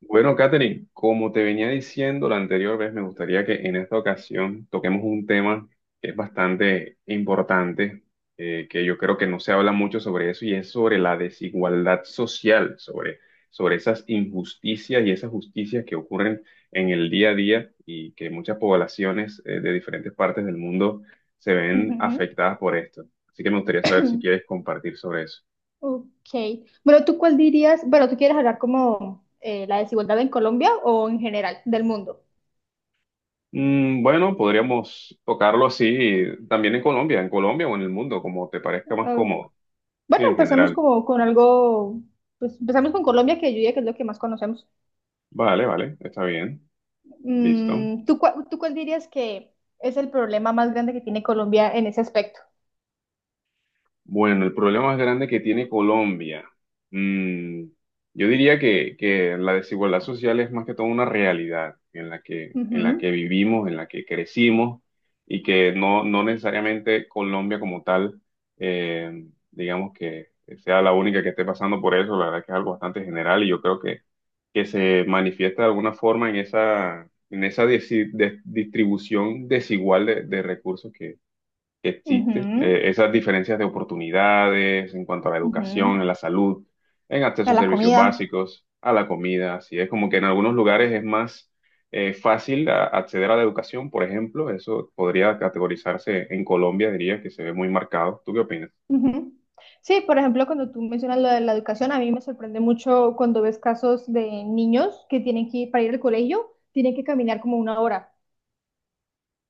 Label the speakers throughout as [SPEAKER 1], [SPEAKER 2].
[SPEAKER 1] Bueno, Katherine, como te venía diciendo la anterior vez, me gustaría que en esta ocasión toquemos un tema que es bastante importante, que yo creo que no se habla mucho sobre eso, y es sobre la desigualdad social, sobre esas injusticias y esas justicias que ocurren en el día a día y que muchas poblaciones, de diferentes partes del mundo se ven
[SPEAKER 2] Ujú.
[SPEAKER 1] afectadas por esto. Así que me gustaría saber si quieres compartir sobre eso.
[SPEAKER 2] Ok. Bueno, ¿tú cuál dirías? Bueno, ¿tú quieres hablar como la desigualdad en Colombia o en general del mundo?
[SPEAKER 1] Bueno, podríamos tocarlo así también en Colombia o en el mundo, como te parezca más
[SPEAKER 2] Ok.
[SPEAKER 1] cómodo. Sí,
[SPEAKER 2] Bueno,
[SPEAKER 1] en
[SPEAKER 2] empezamos
[SPEAKER 1] general.
[SPEAKER 2] como con algo, pues empezamos con Colombia, que yo diría que es lo que más conocemos.
[SPEAKER 1] Vale, vale, está bien. Listo.
[SPEAKER 2] Mm, ¿ tú cuál dirías que es el problema más grande que tiene Colombia en ese aspecto?
[SPEAKER 1] Bueno, el problema más grande que tiene Colombia. mm, yo diría que, la desigualdad social es más que todo una realidad en la que,
[SPEAKER 2] Ujú,
[SPEAKER 1] vivimos, en la que crecimos y que no necesariamente Colombia como tal, digamos que sea la única que esté pasando por eso. La verdad que es algo bastante general y yo creo que se manifiesta de alguna forma en esa, distribución desigual de recursos que, existe.
[SPEAKER 2] ujú,
[SPEAKER 1] Esas diferencias de oportunidades en cuanto a la educación,
[SPEAKER 2] ujú.
[SPEAKER 1] en la salud, en
[SPEAKER 2] A
[SPEAKER 1] acceso a
[SPEAKER 2] la
[SPEAKER 1] servicios
[SPEAKER 2] comida.
[SPEAKER 1] básicos, a la comida, así es como que en algunos lugares es más fácil acceder a la educación, por ejemplo, eso podría categorizarse en Colombia, diría que se ve muy marcado. ¿Tú qué opinas?
[SPEAKER 2] Ujú. Sí, por ejemplo, cuando tú mencionas lo de la educación, a mí me sorprende mucho cuando ves casos de niños que tienen que ir para ir al colegio, tienen que caminar como una hora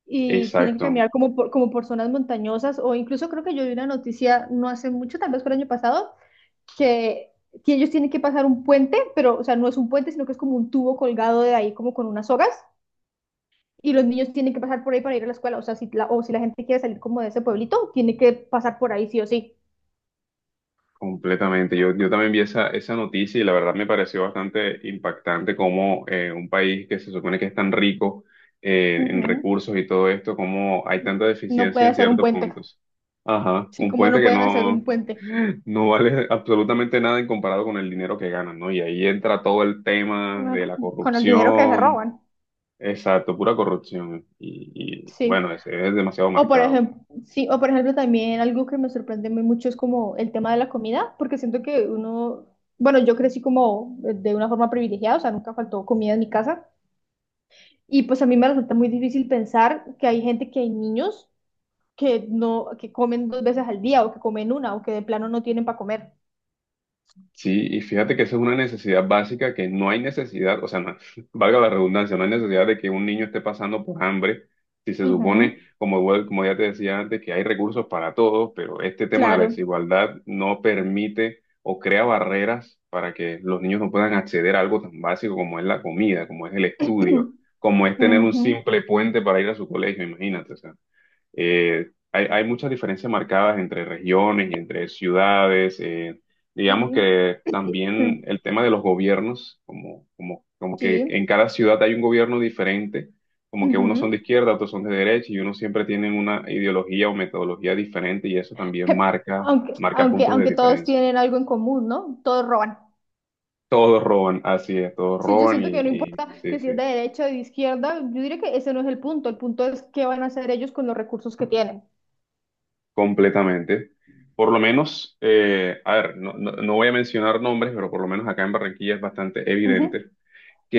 [SPEAKER 2] y tienen que
[SPEAKER 1] Exacto.
[SPEAKER 2] caminar como como por zonas montañosas, o incluso creo que yo vi una noticia no hace mucho, tal vez fue el año pasado, que, que ellos tienen que pasar un puente, pero o sea, no es un puente, sino que es como un tubo colgado de ahí como con unas sogas, y los niños tienen que pasar por ahí para ir a la escuela. O sea, si la gente quiere salir como de ese pueblito, tiene que pasar por ahí sí o sí.
[SPEAKER 1] Completamente. Yo también vi esa noticia y la verdad me pareció bastante impactante cómo un país que se supone que es tan rico en
[SPEAKER 2] Ujú.
[SPEAKER 1] recursos y todo esto, cómo hay tanta
[SPEAKER 2] No
[SPEAKER 1] deficiencia en
[SPEAKER 2] puede ser un
[SPEAKER 1] ciertos
[SPEAKER 2] puente.
[SPEAKER 1] puntos. Ajá,
[SPEAKER 2] Sí,
[SPEAKER 1] un
[SPEAKER 2] como
[SPEAKER 1] puente
[SPEAKER 2] no
[SPEAKER 1] que
[SPEAKER 2] pueden hacer
[SPEAKER 1] no,
[SPEAKER 2] un puente.
[SPEAKER 1] no vale absolutamente nada en comparado con el dinero que ganan, ¿no? Y ahí entra todo el tema
[SPEAKER 2] No,
[SPEAKER 1] de la
[SPEAKER 2] con el dinero que se
[SPEAKER 1] corrupción,
[SPEAKER 2] roban.
[SPEAKER 1] exacto, pura corrupción. Y
[SPEAKER 2] Sí.
[SPEAKER 1] bueno, ese es demasiado
[SPEAKER 2] O por
[SPEAKER 1] marcado.
[SPEAKER 2] ejemplo, sí, o por ejemplo también algo que me sorprende muy mucho es como el tema de la comida, porque siento que uno, bueno, yo crecí como de una forma privilegiada, o sea, nunca faltó comida en mi casa. Y pues a mí me resulta muy difícil pensar que hay gente, que hay niños que no, que comen dos veces al día, o que comen una, o que de plano no tienen para comer.
[SPEAKER 1] Sí, y fíjate que esa es una necesidad básica que no hay necesidad, o sea, valga la redundancia, no hay necesidad de que un niño esté pasando por hambre, si se supone,
[SPEAKER 2] Ujú,
[SPEAKER 1] como, como ya te decía antes, que hay recursos para todos, pero este tema de la
[SPEAKER 2] claro.
[SPEAKER 1] desigualdad no permite o crea barreras para que los niños no puedan acceder a algo tan básico como es la comida, como es el estudio, como es tener un
[SPEAKER 2] Ujú.
[SPEAKER 1] simple puente para ir a su colegio, imagínate, o sea. Hay muchas diferencias marcadas entre regiones y entre ciudades. Digamos
[SPEAKER 2] Sí,
[SPEAKER 1] que también
[SPEAKER 2] mm,
[SPEAKER 1] el tema de los gobiernos, como que en
[SPEAKER 2] sí.
[SPEAKER 1] cada ciudad hay un gobierno diferente, como que unos son de
[SPEAKER 2] Ujú.
[SPEAKER 1] izquierda, otros son de derecha y unos siempre tienen una ideología o metodología diferente y eso también marca, marca puntos de
[SPEAKER 2] Aunque todos
[SPEAKER 1] diferencia.
[SPEAKER 2] tienen algo en común, ¿no? Todos roban.
[SPEAKER 1] Todos roban, así es, todos
[SPEAKER 2] Sí, yo
[SPEAKER 1] roban y,
[SPEAKER 2] siento que no
[SPEAKER 1] y
[SPEAKER 2] importa
[SPEAKER 1] sí,
[SPEAKER 2] que si es de
[SPEAKER 1] sí.
[SPEAKER 2] derecha o de izquierda, yo diría que ese no es el punto. El punto es qué van a hacer ellos con los recursos que tienen.
[SPEAKER 1] Completamente. Por lo menos, a ver, no voy a mencionar nombres, pero por lo menos acá en Barranquilla es bastante
[SPEAKER 2] Ujú,
[SPEAKER 1] evidente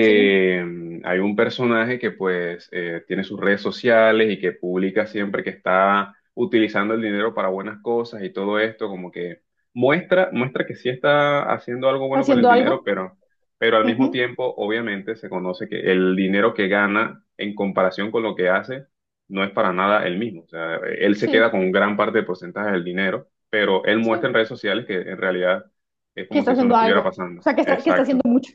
[SPEAKER 2] sí,
[SPEAKER 1] hay un personaje que pues tiene sus redes sociales y que publica siempre que está utilizando el dinero para buenas cosas y todo esto, como que muestra que sí está haciendo algo bueno con el
[SPEAKER 2] haciendo
[SPEAKER 1] dinero,
[SPEAKER 2] algo.
[SPEAKER 1] pero al mismo
[SPEAKER 2] Ujú,
[SPEAKER 1] tiempo obviamente se conoce que el dinero que gana en comparación con lo que hace no es para nada el mismo. O sea, él se queda con
[SPEAKER 2] sí,
[SPEAKER 1] un gran parte del porcentaje del dinero, pero él
[SPEAKER 2] sí,
[SPEAKER 1] muestra en redes sociales que en realidad es
[SPEAKER 2] que
[SPEAKER 1] como si
[SPEAKER 2] está
[SPEAKER 1] eso no
[SPEAKER 2] haciendo
[SPEAKER 1] estuviera
[SPEAKER 2] algo.
[SPEAKER 1] pasando.
[SPEAKER 2] O sea, que está haciendo
[SPEAKER 1] Exacto.
[SPEAKER 2] mucho.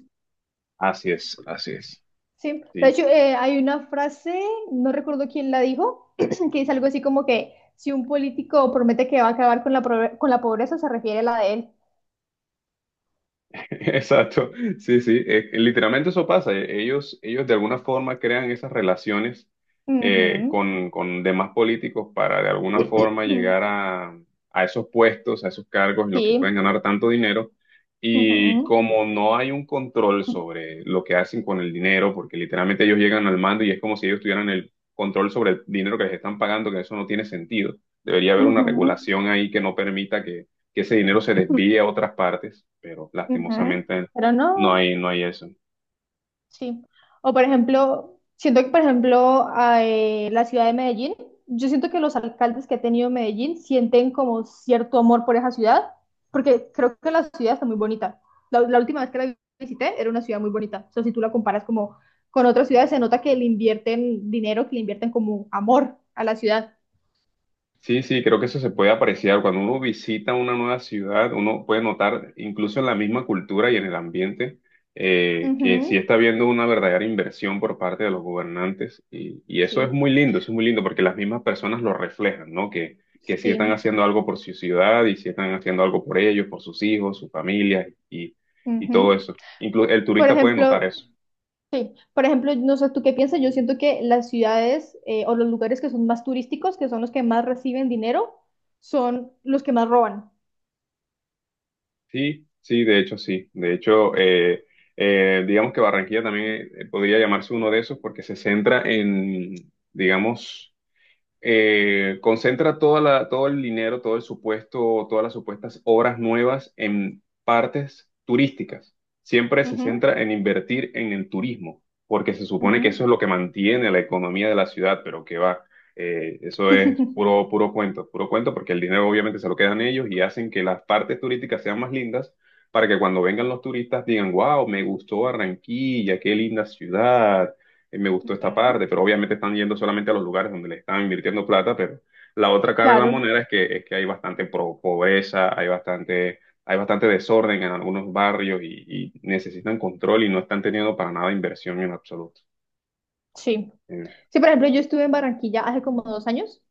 [SPEAKER 1] Así es, así es.
[SPEAKER 2] Sí, de
[SPEAKER 1] Sí,
[SPEAKER 2] hecho, hay una frase, no recuerdo quién la dijo, que dice algo así como que si un político promete que va a acabar con con la pobreza, se refiere a la de él.
[SPEAKER 1] exacto. Sí, sí. Literalmente eso pasa. Ellos de alguna forma crean esas relaciones
[SPEAKER 2] Ujú,
[SPEAKER 1] con demás políticos para de alguna forma
[SPEAKER 2] ujú,
[SPEAKER 1] llegar a, esos puestos, a esos cargos en los que pueden
[SPEAKER 2] sí.
[SPEAKER 1] ganar tanto dinero. Y
[SPEAKER 2] Ujú.
[SPEAKER 1] como no hay un control
[SPEAKER 2] Ujú,
[SPEAKER 1] sobre lo que hacen con el dinero, porque literalmente ellos llegan al mando y es como si ellos tuvieran el control sobre el dinero que les están pagando, que eso no tiene sentido. Debería haber una regulación ahí que no permita que ese dinero se desvíe a otras partes, pero
[SPEAKER 2] ujú.
[SPEAKER 1] lastimosamente
[SPEAKER 2] Pero
[SPEAKER 1] no
[SPEAKER 2] no,
[SPEAKER 1] hay, no hay eso.
[SPEAKER 2] sí. O por ejemplo, siento que por ejemplo a, la ciudad de Medellín, yo siento que los alcaldes que ha tenido Medellín sienten como cierto amor por esa ciudad, porque creo que la ciudad está muy bonita. La última vez que la visité era una ciudad muy bonita. O sea, si tú la comparas como con otras ciudades, se nota que le invierten dinero, que le invierten como amor a la ciudad.
[SPEAKER 1] Sí, sí, creo que eso se puede apreciar. Cuando uno visita una nueva ciudad, uno puede notar, incluso en la misma cultura y en el ambiente, que sí
[SPEAKER 2] Ujú,
[SPEAKER 1] está habiendo una verdadera inversión por parte de los gobernantes. Y eso es
[SPEAKER 2] sí,
[SPEAKER 1] muy lindo, eso es muy lindo porque las mismas personas lo reflejan, ¿no? Que sí están
[SPEAKER 2] sí.
[SPEAKER 1] haciendo algo por su ciudad y sí están haciendo algo por ellos, por sus hijos, sus familias y todo
[SPEAKER 2] Ujú.
[SPEAKER 1] eso. Incluso el
[SPEAKER 2] Por
[SPEAKER 1] turista puede
[SPEAKER 2] ejemplo,
[SPEAKER 1] notar eso.
[SPEAKER 2] Por ejemplo, no sé, ¿tú qué piensas? Yo siento que las ciudades o los lugares que son más turísticos, que son los que más reciben dinero, son los que más roban.
[SPEAKER 1] Sí, sí. De hecho, digamos que Barranquilla también podría llamarse uno de esos porque se centra en, digamos, concentra todo el dinero, todo el supuesto, todas las supuestas obras nuevas en partes turísticas. Siempre se
[SPEAKER 2] Ujú,
[SPEAKER 1] centra en invertir en el turismo, porque se supone que
[SPEAKER 2] ujú.
[SPEAKER 1] eso es lo que mantiene la economía de la ciudad, pero que va, eso es puro cuento, puro cuento, porque el dinero obviamente se lo quedan ellos y hacen que las partes turísticas sean más lindas para que cuando vengan los turistas digan, wow, me gustó Barranquilla, qué linda ciudad. Me gustó esta
[SPEAKER 2] Ujú.
[SPEAKER 1] parte, pero obviamente están yendo solamente a los lugares donde le están invirtiendo plata, pero la otra cara de la
[SPEAKER 2] Claro,
[SPEAKER 1] moneda es que, hay bastante pobreza, hay bastante desorden en algunos barrios y necesitan control y no están teniendo para nada inversión en absoluto.
[SPEAKER 2] sí.
[SPEAKER 1] Eh,
[SPEAKER 2] Sí, por ejemplo, yo estuve en Barranquilla hace como dos años,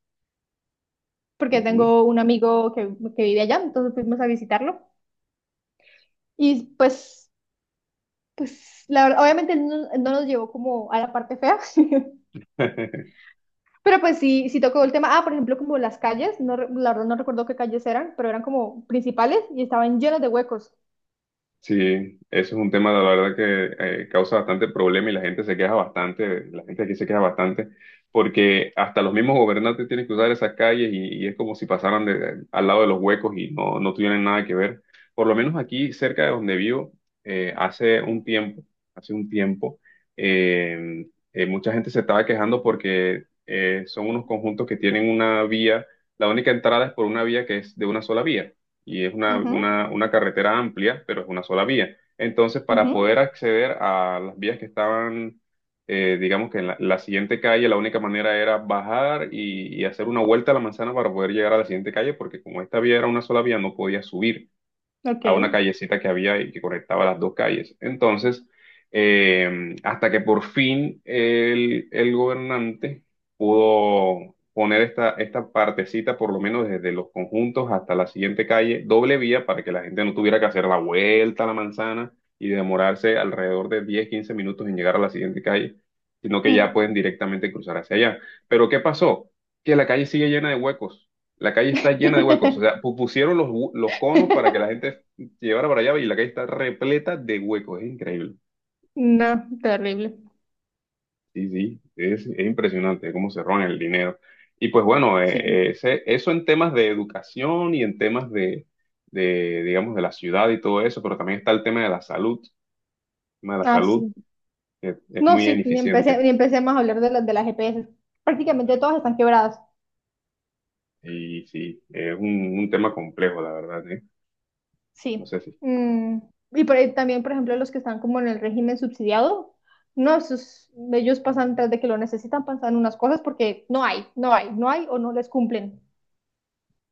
[SPEAKER 2] porque
[SPEAKER 1] Ujú.
[SPEAKER 2] tengo un amigo que vive allá, entonces fuimos a visitarlo. Y pues, pues, la verdad, obviamente él no, no nos llevó como a la parte fea. Pero pues sí, sí tocó el tema. Ah, por ejemplo, como las calles, no, re- la verdad no recuerdo qué calles eran, pero eran como principales y estaban llenas de huecos.
[SPEAKER 1] Sí, eso es un tema, la verdad, que causa bastante problema y la gente se queja bastante, la gente aquí se queja bastante, porque hasta los mismos gobernantes tienen que usar esas calles y es como si pasaran al lado de los huecos y no tuvieran nada que ver. Por lo menos aquí, cerca de donde vivo, eh, hace un tiempo, hace un tiempo, eh, mucha gente se estaba quejando porque son unos conjuntos que tienen una vía, la única entrada es por una vía que es de una sola vía y es una,
[SPEAKER 2] Ujú,
[SPEAKER 1] una, una carretera amplia, pero es una sola vía. Entonces, para
[SPEAKER 2] ujú,
[SPEAKER 1] poder acceder a las vías que estaban, digamos que en la siguiente calle, la única manera era bajar y hacer una vuelta a la manzana para poder llegar a la siguiente calle, porque como esta vía era una sola vía, no podía subir a una
[SPEAKER 2] ok.
[SPEAKER 1] callecita que había y que conectaba las dos calles. Entonces, hasta que por fin el gobernante pudo poner esta partecita, por lo menos desde los conjuntos hasta la siguiente calle, doble vía para que la gente no tuviera que hacer la vuelta a la manzana y demorarse alrededor de 10 a 15 minutos en llegar a la siguiente calle, sino que ya
[SPEAKER 2] Mm.
[SPEAKER 1] pueden directamente cruzar hacia allá. Pero ¿qué pasó? Que la calle sigue llena de huecos. La calle está llena de huecos. O sea, pusieron los conos para que la gente. Sí, ahora para allá y la calle está repleta de huecos, es increíble.
[SPEAKER 2] No, terrible.
[SPEAKER 1] Sí, sí, es impresionante cómo se roban el dinero. Y pues bueno,
[SPEAKER 2] Sí.
[SPEAKER 1] eso en temas de educación y en temas digamos, de la ciudad y todo eso, pero también está el tema de la salud. El tema de la
[SPEAKER 2] Ah,
[SPEAKER 1] salud
[SPEAKER 2] sí.
[SPEAKER 1] es
[SPEAKER 2] No,
[SPEAKER 1] muy
[SPEAKER 2] sí,
[SPEAKER 1] ineficiente
[SPEAKER 2] ni empecé más a hablar de las GPS. Prácticamente todas están quebradas.
[SPEAKER 1] y sí, es un tema complejo, la verdad, ¿eh? No
[SPEAKER 2] Sí.
[SPEAKER 1] sé si.
[SPEAKER 2] Mm, y por ahí también, por ejemplo, los que están como en el régimen subsidiado, no, esos- ellos pasan tras de que lo necesitan, pasan unas cosas porque no hay, no hay, no hay, o no les cumplen.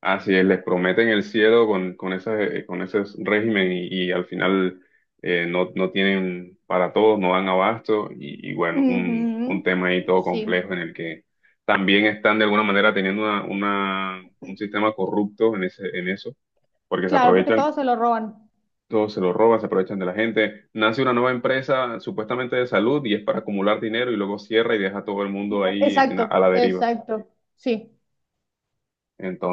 [SPEAKER 1] Así es, les prometen el cielo con ese régimen y al final no tienen para todos, no dan abasto y bueno, un
[SPEAKER 2] Ujú,
[SPEAKER 1] tema ahí todo
[SPEAKER 2] sí,
[SPEAKER 1] complejo en el que también están de alguna manera teniendo un sistema corrupto en eso, porque se
[SPEAKER 2] claro, porque
[SPEAKER 1] aprovechan,
[SPEAKER 2] todos se lo roban.
[SPEAKER 1] todo se lo roban, se aprovechan de la gente. Nace una nueva empresa supuestamente de salud y es para acumular dinero y luego cierra y deja a todo el
[SPEAKER 2] Y-
[SPEAKER 1] mundo
[SPEAKER 2] ah,
[SPEAKER 1] ahí
[SPEAKER 2] exacto,
[SPEAKER 1] a la deriva.
[SPEAKER 2] exacto, sí.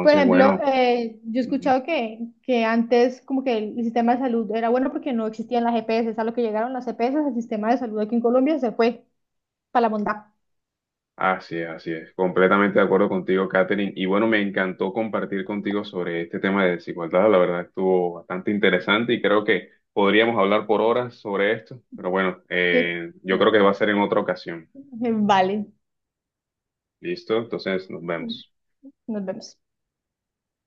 [SPEAKER 2] Por ejemplo,
[SPEAKER 1] bueno.
[SPEAKER 2] yo he
[SPEAKER 1] Ujú.
[SPEAKER 2] escuchado que antes como que el sistema de salud era bueno porque no existían las EPS, a lo que llegaron las EPS, el sistema de salud aquí en Colombia se fue para la bondad.
[SPEAKER 1] Así es, así es. Completamente de acuerdo contigo, Katherine. Y bueno, me encantó compartir contigo sobre este tema de desigualdad. La verdad estuvo bastante interesante y creo que podríamos hablar por horas sobre esto. Pero bueno,
[SPEAKER 2] Sí,
[SPEAKER 1] yo creo que
[SPEAKER 2] bueno,
[SPEAKER 1] va a ser en otra ocasión.
[SPEAKER 2] vale.
[SPEAKER 1] ¿Listo? Entonces, nos vemos.
[SPEAKER 2] Nos vemos.